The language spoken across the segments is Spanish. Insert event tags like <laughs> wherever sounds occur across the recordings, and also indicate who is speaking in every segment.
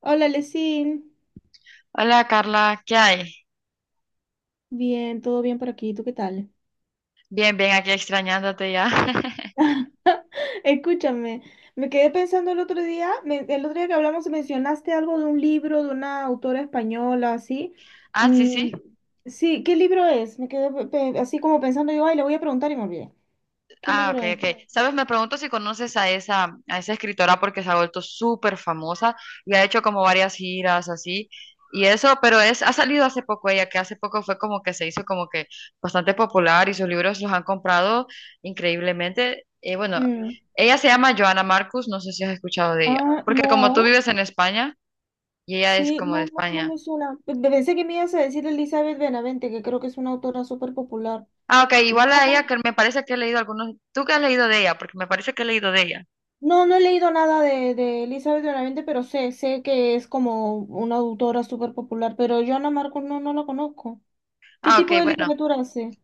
Speaker 1: Hola, Lesin.
Speaker 2: Hola Carla, ¿qué hay?
Speaker 1: Bien, todo bien por aquí. ¿Tú qué tal?
Speaker 2: Bien, aquí extrañándote ya. <laughs>
Speaker 1: <laughs> Escúchame, me quedé pensando el otro día, el otro día que hablamos mencionaste algo de un libro de una autora española, así.
Speaker 2: Ah, sí, sí.
Speaker 1: Mm, sí, ¿qué libro es? Me quedé así como pensando, yo, ay, le voy a preguntar y me olvidé. ¿Qué
Speaker 2: Ah, ok,
Speaker 1: libro es?
Speaker 2: ok. Sabes, me pregunto si conoces a esa escritora porque se ha vuelto súper famosa y ha hecho como varias giras así y eso, pero es, ha salido hace poco ella, que hace poco fue como que se hizo como que bastante popular y sus libros los han comprado increíblemente. Bueno,
Speaker 1: Mm.
Speaker 2: ella se llama Joana Marcus, no sé si has escuchado de ella,
Speaker 1: Ah,
Speaker 2: porque como tú
Speaker 1: no.
Speaker 2: vives en España y ella es
Speaker 1: Sí,
Speaker 2: como de
Speaker 1: no
Speaker 2: España.
Speaker 1: me suena. Pensé que me ibas a decir Elizabeth Benavente, que creo que es una autora súper popular.
Speaker 2: Ah, ok, igual a ella que me parece que he leído algunos. ¿Tú qué has leído de ella? Porque me parece que he leído de ella.
Speaker 1: No, no he leído nada de Elizabeth de Benavente, pero sé que es como una autora súper popular, pero yo Ana Marcos no la conozco. ¿Qué
Speaker 2: Ah,
Speaker 1: tipo
Speaker 2: ok,
Speaker 1: de
Speaker 2: bueno.
Speaker 1: literatura hace?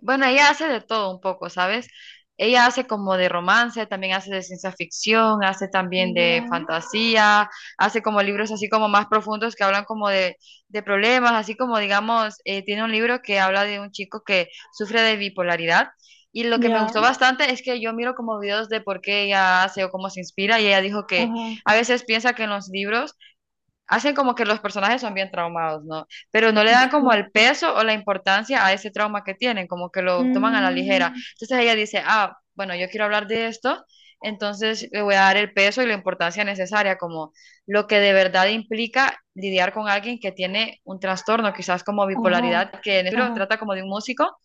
Speaker 2: Bueno, ella hace de todo un poco, ¿sabes? Ella hace como de romance, también hace de ciencia ficción, hace también
Speaker 1: Ya,
Speaker 2: de fantasía, hace como libros así como más profundos que hablan como de problemas, así como digamos, tiene un libro que habla de un chico que sufre de bipolaridad. Y lo que me
Speaker 1: ya,
Speaker 2: gustó bastante es que yo miro como videos de por qué ella hace o cómo se inspira y ella dijo que
Speaker 1: ajá,
Speaker 2: a veces piensa que en los libros hacen como que los personajes son bien traumados, ¿no? Pero no le dan como
Speaker 1: sí.
Speaker 2: el peso o la importancia a ese trauma que tienen, como que lo toman a la ligera.
Speaker 1: Mm,
Speaker 2: Entonces ella dice, ah, bueno, yo quiero hablar de esto, entonces le voy a dar el peso y la importancia necesaria, como lo que de verdad implica lidiar con alguien que tiene un trastorno, quizás como
Speaker 1: ajá,
Speaker 2: bipolaridad, que en el libro
Speaker 1: ajá,
Speaker 2: trata como de un músico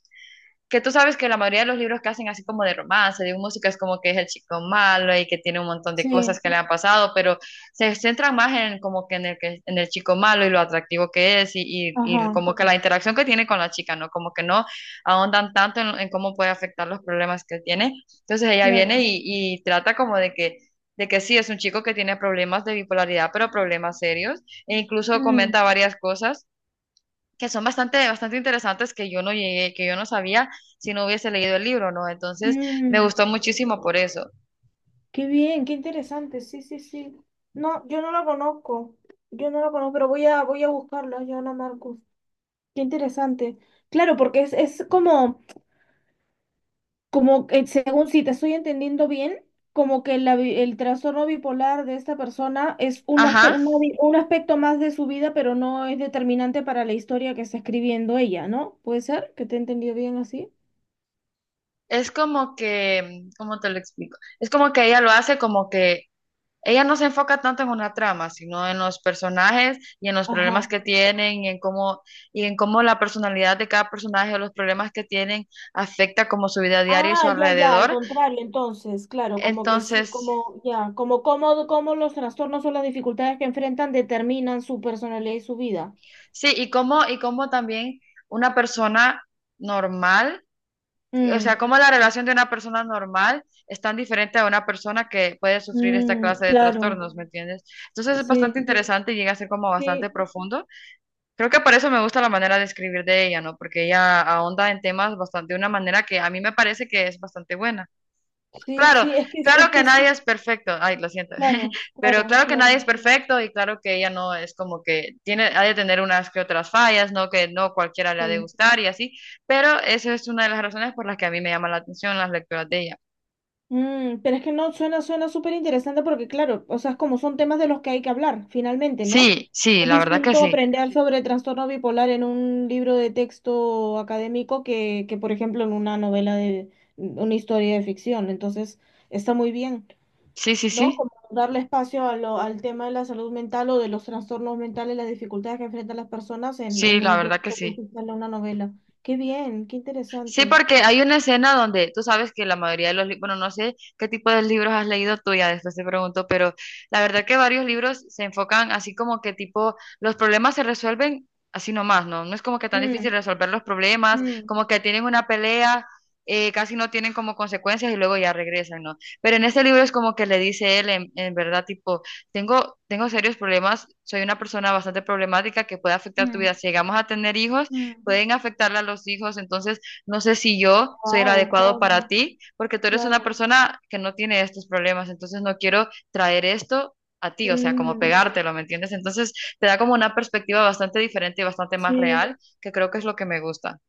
Speaker 2: que tú sabes que la mayoría de los libros que hacen así como de romance, de música, es como que es el chico malo y que tiene un montón de cosas
Speaker 1: sí,
Speaker 2: que le han pasado, pero se centran más en como que en el chico malo y lo atractivo que es y
Speaker 1: ajá,
Speaker 2: como que la interacción que tiene con la chica, ¿no? Como que no ahondan tanto en cómo puede afectar los problemas que tiene. Entonces ella viene
Speaker 1: claro.
Speaker 2: y trata como de que sí, es un chico que tiene problemas de bipolaridad, pero problemas serios, e incluso
Speaker 1: Mm,
Speaker 2: comenta varias cosas que son bastante interesantes que yo no llegué, que yo no sabía si no hubiese leído el libro, ¿no? Entonces me
Speaker 1: mm,
Speaker 2: gustó muchísimo por eso.
Speaker 1: qué bien, qué interesante, sí, sí, sí. No, yo no la conozco, yo no la conozco, pero voy a buscarla, yo Marcos. Qué interesante. Claro, porque es como... Como que, según si te estoy entendiendo bien, como que la el trastorno bipolar de esta persona es un,
Speaker 2: Ajá,
Speaker 1: una un aspecto más de su vida, pero no es determinante para la historia que está escribiendo ella, ¿no? ¿Puede ser que te he entendido bien así?
Speaker 2: es como que, ¿cómo te lo explico? Es como que ella lo hace como que ella no se enfoca tanto en una trama, sino en los personajes y en los
Speaker 1: Ajá.
Speaker 2: problemas que tienen y en cómo la personalidad de cada personaje o los problemas que tienen afecta como su vida diaria y su
Speaker 1: Ah, ya, ya, al
Speaker 2: alrededor.
Speaker 1: contrario, entonces, claro, como que sí,
Speaker 2: Entonces,
Speaker 1: como, ya, como cómo, cómo los trastornos o las dificultades que enfrentan determinan su personalidad y su vida.
Speaker 2: sí, y cómo también una persona normal, o sea,
Speaker 1: Mm,
Speaker 2: cómo la relación de una persona normal es tan diferente a una persona que puede sufrir esta
Speaker 1: mm,
Speaker 2: clase de
Speaker 1: claro,
Speaker 2: trastornos, ¿me entiendes? Entonces es bastante
Speaker 1: sí,
Speaker 2: interesante y llega a ser como bastante
Speaker 1: sí,
Speaker 2: profundo. Creo que por eso me gusta la manera de escribir de ella, ¿no? Porque ella ahonda en temas bastante de una manera que a mí me parece que es bastante buena.
Speaker 1: sí,
Speaker 2: Claro,
Speaker 1: sí, es
Speaker 2: claro que
Speaker 1: que sí.
Speaker 2: nadie es perfecto. Ay, lo siento.
Speaker 1: Claro,
Speaker 2: <laughs> Pero
Speaker 1: claro,
Speaker 2: claro que nadie es
Speaker 1: claro,
Speaker 2: perfecto y claro que ella no es como que tiene, ha de tener unas que otras fallas, ¿no? Que no cualquiera le ha de
Speaker 1: sí.
Speaker 2: gustar y así. Pero esa es una de las razones por las que a mí me llama la atención las lecturas de ella.
Speaker 1: Mm, pero es que no suena, suena súper interesante porque, claro, o sea, es como son temas de los que hay que hablar, finalmente, ¿no?
Speaker 2: Sí, sí,
Speaker 1: Es
Speaker 2: la verdad que
Speaker 1: distinto
Speaker 2: sí.
Speaker 1: aprender sobre trastorno bipolar en un libro de texto académico que, por ejemplo, en una novela de una historia de ficción. Entonces, está muy bien,
Speaker 2: Sí, sí,
Speaker 1: ¿no?
Speaker 2: sí.
Speaker 1: Como darle espacio a al tema de la salud mental o de los trastornos mentales, las dificultades que enfrentan las personas
Speaker 2: Sí,
Speaker 1: en
Speaker 2: la
Speaker 1: un
Speaker 2: verdad que
Speaker 1: texto,
Speaker 2: sí.
Speaker 1: pues, en una novela. Qué bien, qué
Speaker 2: Sí,
Speaker 1: interesante.
Speaker 2: porque hay una escena donde tú sabes que la mayoría de los libros, bueno, no sé qué tipo de libros has leído tú, ya después te pregunto, pero la verdad que varios libros se enfocan así como que tipo, los problemas se resuelven así nomás, ¿no? No es como que tan difícil
Speaker 1: Mm.
Speaker 2: resolver los problemas,
Speaker 1: Mm,
Speaker 2: como que tienen una pelea, casi no tienen como consecuencias y luego ya regresan, ¿no? Pero en este libro es como que le dice él, en verdad, tipo, tengo serios problemas, soy una persona bastante problemática que puede afectar tu
Speaker 1: mm.
Speaker 2: vida. Si llegamos a tener hijos,
Speaker 1: Mm.
Speaker 2: pueden afectarle a los hijos, entonces no sé si yo soy el
Speaker 1: Wow,
Speaker 2: adecuado
Speaker 1: claro,
Speaker 2: para ti, porque tú eres una
Speaker 1: claro.
Speaker 2: persona que no tiene estos problemas, entonces no quiero traer esto a ti, o sea, como
Speaker 1: Mm,
Speaker 2: pegártelo, ¿me entiendes? Entonces te da como una perspectiva bastante diferente y bastante más
Speaker 1: sí.
Speaker 2: real, que creo que es lo que me gusta.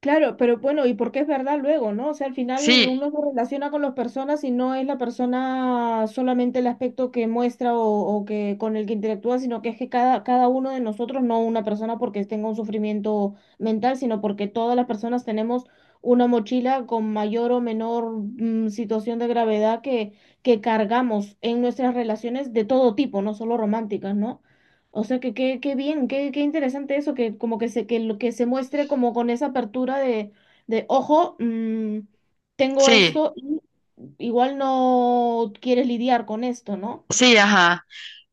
Speaker 1: Claro, pero bueno, y porque es verdad luego, ¿no? O sea, al final
Speaker 2: Sí,
Speaker 1: uno se relaciona con las personas y no es la persona solamente el aspecto que muestra o que con el que interactúa, sino que es que cada uno de nosotros, no una persona porque tenga un sufrimiento mental, sino porque todas las personas tenemos una mochila con mayor o menor situación de gravedad que cargamos en nuestras relaciones de todo tipo, no solo románticas, ¿no? O sea, que qué bien, qué interesante eso, que como que se, que lo que se muestre como con esa apertura de ojo, tengo
Speaker 2: sí,
Speaker 1: esto y igual no quieres lidiar con esto, ¿no?
Speaker 2: sí, ajá.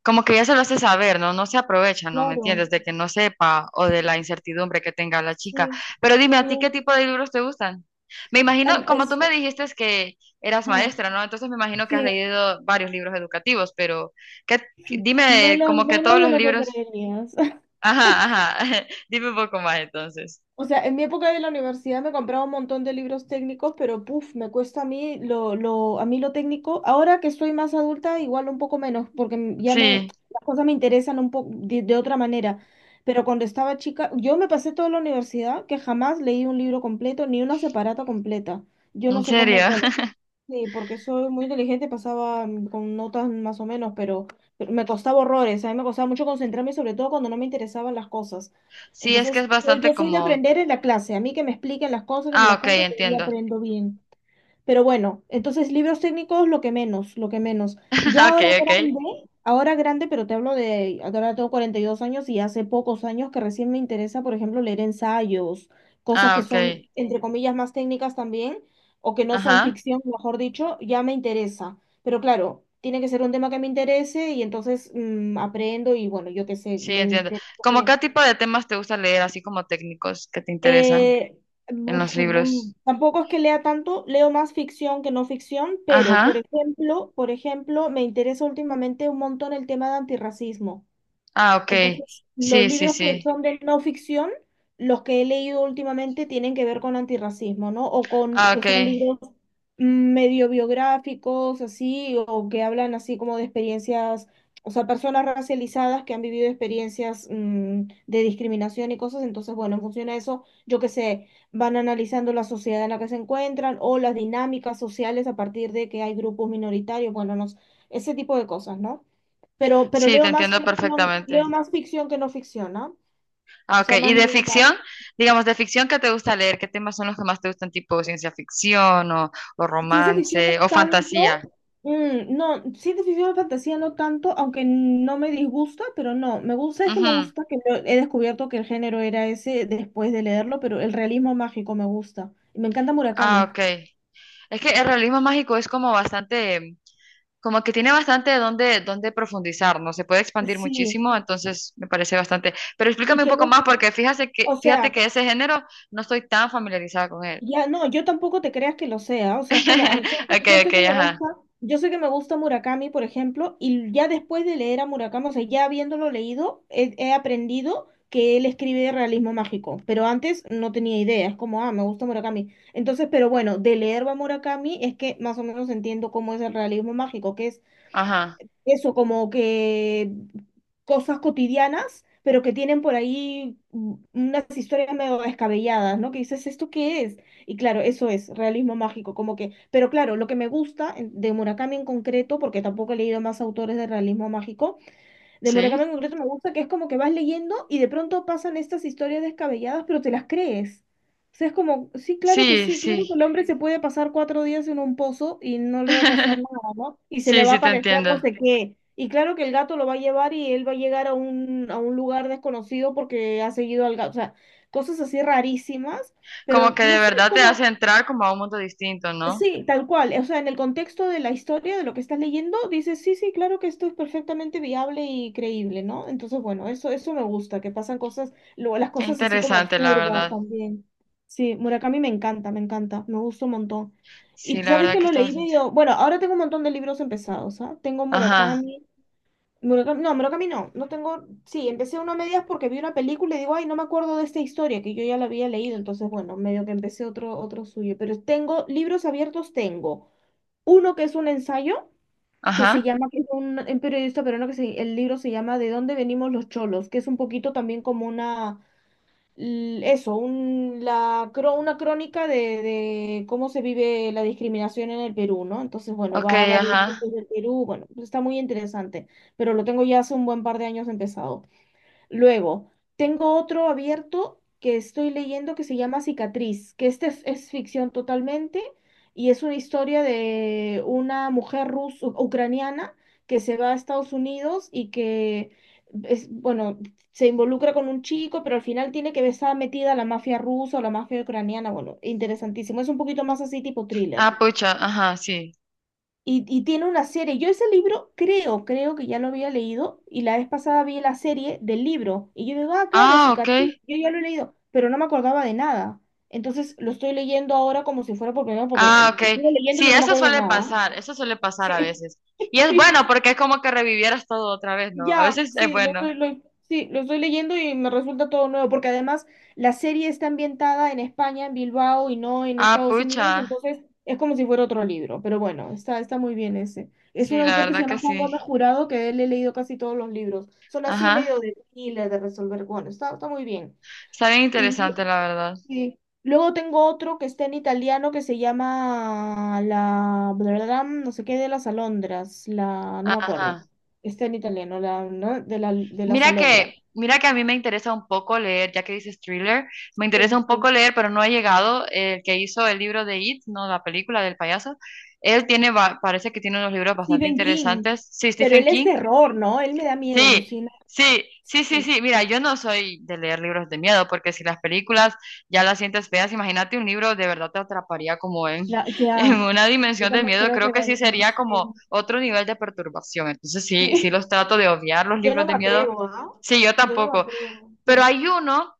Speaker 2: Como que ya se lo hace saber, ¿no? No se aprovecha, ¿no? ¿Me
Speaker 1: Claro,
Speaker 2: entiendes? De que no sepa o de la incertidumbre que tenga la chica.
Speaker 1: sí,
Speaker 2: Pero dime,
Speaker 1: qué
Speaker 2: ¿a ti qué
Speaker 1: bien.
Speaker 2: tipo de libros te gustan? Me imagino,
Speaker 1: Em,
Speaker 2: como tú
Speaker 1: es-
Speaker 2: me dijiste es que eras
Speaker 1: ah,
Speaker 2: maestra, ¿no? Entonces me imagino que has
Speaker 1: Sí,
Speaker 2: leído varios libros educativos, pero ¿qué, dime,
Speaker 1: menos,
Speaker 2: como que todos
Speaker 1: menos de
Speaker 2: los
Speaker 1: lo que
Speaker 2: libros...
Speaker 1: creerías.
Speaker 2: Ajá, ajá. <laughs> Dime un poco más entonces.
Speaker 1: O sea, en mi época de la universidad me compraba un montón de libros técnicos, pero puf, me cuesta a mí a mí lo técnico. Ahora que soy más adulta, igual un poco menos, porque ya me,
Speaker 2: Sí,
Speaker 1: las cosas me interesan un poco de otra manera. Pero cuando estaba chica, yo me pasé toda la universidad que jamás leí un libro completo ni una separata completa. Yo no
Speaker 2: en
Speaker 1: sé cómo,
Speaker 2: serio.
Speaker 1: bueno,
Speaker 2: <laughs>
Speaker 1: sí, porque soy muy inteligente, pasaba con notas más o menos, pero me costaba horrores, a mí me costaba mucho concentrarme, sobre todo cuando no me interesaban las cosas.
Speaker 2: Sí, es que
Speaker 1: Entonces,
Speaker 2: es
Speaker 1: yo,
Speaker 2: bastante
Speaker 1: yo soy de
Speaker 2: como...
Speaker 1: aprender en la clase, a mí que me expliquen las cosas, que me
Speaker 2: Ah,
Speaker 1: las
Speaker 2: ok,
Speaker 1: cuenten, que ahí
Speaker 2: entiendo.
Speaker 1: aprendo bien. Pero bueno, entonces libros técnicos lo que menos, lo que menos.
Speaker 2: <laughs>
Speaker 1: Ya
Speaker 2: Ok, ok.
Speaker 1: ahora grande, pero te hablo de, ahora tengo 42 años y hace pocos años que recién me interesa, por ejemplo, leer ensayos, cosas
Speaker 2: Ah,
Speaker 1: que
Speaker 2: ok.
Speaker 1: son, entre comillas, más técnicas también, o que no son
Speaker 2: Ajá.
Speaker 1: ficción, mejor dicho, ya me interesa. Pero claro, tiene que ser un tema que me interese y entonces aprendo y bueno, yo qué sé,
Speaker 2: Sí,
Speaker 1: me,
Speaker 2: entiendo.
Speaker 1: inter-
Speaker 2: ¿Cómo
Speaker 1: me
Speaker 2: qué tipo de temas te gusta leer, así como técnicos que te interesan
Speaker 1: eh,
Speaker 2: en
Speaker 1: buf,
Speaker 2: los
Speaker 1: bum,
Speaker 2: libros?
Speaker 1: tampoco es que lea tanto, leo más ficción que no ficción, pero
Speaker 2: Ajá.
Speaker 1: por ejemplo, me interesa últimamente un montón el tema de antirracismo.
Speaker 2: Ah, ok.
Speaker 1: Entonces, los
Speaker 2: Sí, sí,
Speaker 1: libros que
Speaker 2: sí.
Speaker 1: son de no ficción, los que he leído últimamente tienen que ver con antirracismo, ¿no? O con
Speaker 2: Ah,
Speaker 1: que
Speaker 2: ok.
Speaker 1: son libros medio biográficos, así, o que hablan así como de experiencias, o sea, personas racializadas que han vivido experiencias de discriminación y cosas. Entonces, bueno, en función a eso, yo qué sé, van analizando la sociedad en la que se encuentran o las dinámicas sociales a partir de que hay grupos minoritarios, bueno, no, sé, ese tipo de cosas, ¿no? Pero
Speaker 2: Sí, te entiendo
Speaker 1: leo
Speaker 2: perfectamente.
Speaker 1: más ficción que no ficción, ¿no?
Speaker 2: Ah,
Speaker 1: O
Speaker 2: ok.
Speaker 1: sea,
Speaker 2: ¿Y
Speaker 1: más
Speaker 2: de
Speaker 1: novelas.
Speaker 2: ficción? Digamos, de ficción, ¿qué te gusta leer? ¿Qué temas son los que más te gustan, tipo ciencia ficción o
Speaker 1: Ciencia ficción no
Speaker 2: romance o fantasía?
Speaker 1: tanto. Mm, no, ciencia ficción y fantasía no tanto, aunque no me disgusta, pero no. Me gusta, es que me
Speaker 2: Ujú.
Speaker 1: gusta que he descubierto que el género era ese después de leerlo, pero el realismo mágico me gusta. Y me encanta
Speaker 2: Ah,
Speaker 1: Murakami.
Speaker 2: ok. Es que el realismo mágico es como bastante como que tiene bastante donde, donde profundizar, ¿no? Se puede expandir
Speaker 1: Sí.
Speaker 2: muchísimo, entonces me parece bastante. Pero
Speaker 1: Y
Speaker 2: explícame un
Speaker 1: que
Speaker 2: poco más,
Speaker 1: lo,
Speaker 2: porque fíjate
Speaker 1: o
Speaker 2: que, fíjate
Speaker 1: sea,
Speaker 2: que ese género no estoy tan familiarizada con él.
Speaker 1: Ya, no, yo tampoco te creas que lo sea, o sea, es como,
Speaker 2: <laughs> Ok,
Speaker 1: yo sé
Speaker 2: ok,
Speaker 1: que me
Speaker 2: ajá,
Speaker 1: gusta, yo sé que me gusta Murakami, por ejemplo, y ya después de leer a Murakami, o sea, ya habiéndolo leído, he aprendido que él escribe de realismo mágico, pero antes no tenía idea, es como, ah, me gusta Murakami. Entonces, pero bueno, de leer a Murakami es que más o menos entiendo cómo es el realismo mágico, que es
Speaker 2: ajá.
Speaker 1: eso, como que cosas cotidianas, pero que tienen por ahí unas historias medio descabelladas, ¿no? Que dices, ¿esto qué es? Y claro, eso es realismo mágico, como que, pero claro, lo que me gusta de Murakami en concreto, porque tampoco he leído más autores de realismo mágico, de Murakami
Speaker 2: Sí,
Speaker 1: en concreto me gusta que es como que vas leyendo y de pronto pasan estas historias descabelladas, pero te las crees. O sea, es como,
Speaker 2: sí,
Speaker 1: sí, claro que
Speaker 2: sí.
Speaker 1: el hombre se puede pasar cuatro días en un pozo y no le va a pasar
Speaker 2: <laughs>
Speaker 1: nada, ¿no? Y se le
Speaker 2: Sí,
Speaker 1: va a
Speaker 2: sí, te
Speaker 1: aparecer no
Speaker 2: entiendo.
Speaker 1: sé qué. Y claro que el gato lo va a llevar y él va a llegar a a un lugar desconocido porque ha seguido al gato. O sea, cosas así rarísimas,
Speaker 2: Como
Speaker 1: pero
Speaker 2: que
Speaker 1: no
Speaker 2: de
Speaker 1: sé, es
Speaker 2: verdad te hace
Speaker 1: como,
Speaker 2: entrar como a un mundo distinto, ¿no?
Speaker 1: sí, tal cual. O sea, en el contexto de la historia, de lo que estás leyendo, dices, sí, sí, claro que esto es perfectamente viable y creíble, ¿no? Entonces, bueno, eso me gusta, que pasan cosas, luego las
Speaker 2: Qué
Speaker 1: cosas así como
Speaker 2: interesante, la
Speaker 1: absurdas
Speaker 2: verdad.
Speaker 1: también. Sí, Murakami me encanta, me encanta, me gusta un montón. Y
Speaker 2: Sí, la
Speaker 1: sabes
Speaker 2: verdad
Speaker 1: que
Speaker 2: que
Speaker 1: lo
Speaker 2: está
Speaker 1: leí
Speaker 2: bastante.
Speaker 1: medio, bueno, ahora tengo un montón de libros empezados, ¿ah? Tengo
Speaker 2: Ajá,
Speaker 1: Murakami, Murakami no, no tengo, sí, empecé uno a medias porque vi una película y digo, ay, no me acuerdo de esta historia que yo ya la había leído, entonces bueno, medio que empecé otro, otro suyo, pero tengo libros abiertos, tengo uno que es un ensayo
Speaker 2: ajá.
Speaker 1: que es un periodista peruano el libro se llama ¿De dónde venimos los cholos?, que es un poquito también como una l- eso, un- la, cro- una crónica de cómo se vive la discriminación en el Perú, ¿no? Entonces, bueno,
Speaker 2: Ok,
Speaker 1: va a varios
Speaker 2: ajá.
Speaker 1: puntos del Perú, bueno, pues está muy interesante, pero lo tengo ya hace un buen par de años empezado. Luego, tengo otro abierto que estoy leyendo que se llama Cicatriz, que este es ficción totalmente y es una historia de una mujer rusa, ucraniana que se va a Estados Unidos y que es, bueno, se involucra con un chico, pero al final tiene que estar metida la mafia rusa o la mafia ucraniana. Bueno, interesantísimo. Es un poquito más así tipo thriller.
Speaker 2: Ah, pucha, ajá, sí.
Speaker 1: Y tiene una serie. Yo ese libro creo, creo que ya lo había leído y la vez pasada vi la serie del libro y yo digo, ah, claro,
Speaker 2: Ah, ok.
Speaker 1: cicatriz, yo ya lo he leído, pero no me acordaba de nada. Entonces lo estoy leyendo ahora como si fuera por primera vez
Speaker 2: Ah,
Speaker 1: porque
Speaker 2: ok.
Speaker 1: estuve leyéndolo
Speaker 2: Sí,
Speaker 1: y no me acuerdo de nada.
Speaker 2: eso suele pasar a
Speaker 1: Sí,
Speaker 2: veces. Y
Speaker 1: <laughs>
Speaker 2: es
Speaker 1: sí,
Speaker 2: bueno porque
Speaker 1: sí.
Speaker 2: es como que revivieras todo otra vez, ¿no? A
Speaker 1: Ya,
Speaker 2: veces es
Speaker 1: sí, lo
Speaker 2: bueno.
Speaker 1: sí, lo estoy leyendo y me resulta todo nuevo, porque además la serie está ambientada en España, en Bilbao y no en
Speaker 2: Ah,
Speaker 1: Estados
Speaker 2: pucha.
Speaker 1: Unidos, entonces es como si fuera otro libro, pero bueno, está muy bien ese. Es un
Speaker 2: Sí, la
Speaker 1: autor que se
Speaker 2: verdad que
Speaker 1: llama Juan
Speaker 2: sí.
Speaker 1: Gómez Jurado, que de él he leído casi todos los libros. Son así
Speaker 2: Ajá.
Speaker 1: medio de thriller, de resolver, bueno, está muy bien.
Speaker 2: Está bien
Speaker 1: Y
Speaker 2: interesante, la verdad.
Speaker 1: sí. Luego tengo otro que está en italiano que se llama la bla, bla, bla, no sé qué de las alondras, la no me acuerdo.
Speaker 2: Ajá.
Speaker 1: Está en italiano, la ¿no? de la de las
Speaker 2: Mira
Speaker 1: alondras.
Speaker 2: que, mira que a mí me interesa un poco leer, ya que dices thriller, me interesa
Speaker 1: Sí.
Speaker 2: un poco leer, pero no he llegado. El que hizo el libro de It, no la película del payaso, él tiene, va- parece que tiene unos libros bastante
Speaker 1: Stephen King.
Speaker 2: interesantes. Sí,
Speaker 1: Pero
Speaker 2: Stephen
Speaker 1: él es
Speaker 2: King.
Speaker 1: terror, ¿no? Él me da miedo,
Speaker 2: Sí,
Speaker 1: Lucina.
Speaker 2: sí, sí, sí,
Speaker 1: Sí.
Speaker 2: sí. Mira, yo no soy de leer libros de miedo, porque si las películas ya las sientes feas, imagínate un libro de verdad te atraparía como en,
Speaker 1: La, que
Speaker 2: <laughs> en
Speaker 1: ah,
Speaker 2: una
Speaker 1: yo
Speaker 2: dimensión de
Speaker 1: también
Speaker 2: miedo.
Speaker 1: creo que
Speaker 2: Creo que sí sería como
Speaker 1: sí.
Speaker 2: otro nivel de perturbación. Entonces sí, sí
Speaker 1: Sí.
Speaker 2: los trato de obviar los
Speaker 1: <laughs> Yo
Speaker 2: libros
Speaker 1: no
Speaker 2: de
Speaker 1: me
Speaker 2: miedo.
Speaker 1: atrevo, ¿ah?
Speaker 2: Sí, yo
Speaker 1: Yo no me
Speaker 2: tampoco.
Speaker 1: atrevo.
Speaker 2: Pero hay uno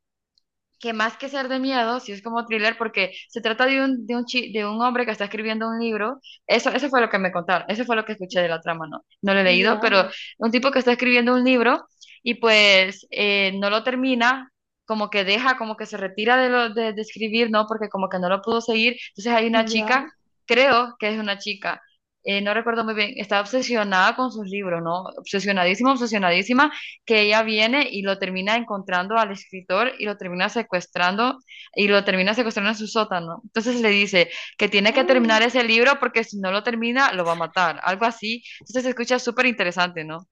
Speaker 2: que más que ser de miedo, sí es como thriller, porque se trata de un, de un hombre que está escribiendo un libro. Eso fue lo que me contaron, eso fue lo que escuché de la trama, no lo he leído,
Speaker 1: Ya,
Speaker 2: pero un tipo que está escribiendo un libro y pues no lo termina, como que deja, como que se retira de escribir, ¿no? Porque como que no lo pudo seguir. Entonces hay una chica,
Speaker 1: ya.
Speaker 2: creo que es una chica. Eh, no recuerdo muy bien, está obsesionada con sus libros, ¿no? Obsesionadísima, que ella viene y lo termina encontrando al escritor y lo termina secuestrando en su sótano. Entonces le dice que tiene que
Speaker 1: Ah.
Speaker 2: terminar ese libro porque si no lo termina lo va a matar, algo así. Entonces se escucha súper interesante, ¿no?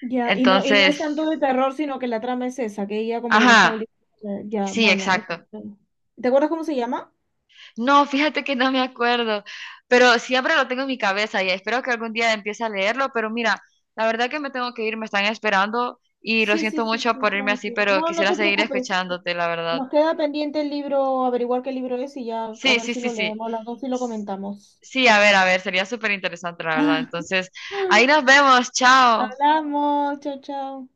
Speaker 1: Ya, y no es tanto
Speaker 2: Entonces,
Speaker 1: de terror, sino que la trama es esa, que ella como que lo está
Speaker 2: ajá,
Speaker 1: obligando. Ya,
Speaker 2: sí,
Speaker 1: bueno.
Speaker 2: exacto.
Speaker 1: Bueno. ¿Te acuerdas cómo se llama?
Speaker 2: No, fíjate que no me acuerdo, pero siempre lo tengo en mi cabeza y espero que algún día empiece a leerlo, pero mira, la verdad que me tengo que ir, me están esperando. Y lo
Speaker 1: Sí, sí,
Speaker 2: siento
Speaker 1: sí,
Speaker 2: mucho
Speaker 1: sí,
Speaker 2: por irme así,
Speaker 1: tranqui.
Speaker 2: pero
Speaker 1: No, no
Speaker 2: quisiera
Speaker 1: te
Speaker 2: seguir
Speaker 1: preocupes.
Speaker 2: escuchándote, la verdad.
Speaker 1: Nos queda pendiente el libro, averiguar qué libro es y ya a
Speaker 2: Sí,
Speaker 1: ver
Speaker 2: sí,
Speaker 1: si
Speaker 2: sí,
Speaker 1: lo
Speaker 2: sí.
Speaker 1: leemos las dos y lo comentamos.
Speaker 2: Sí, a ver, sería súper interesante, la verdad.
Speaker 1: <laughs>
Speaker 2: Entonces, ahí nos vemos, chao.
Speaker 1: Hablamos, chao, chao.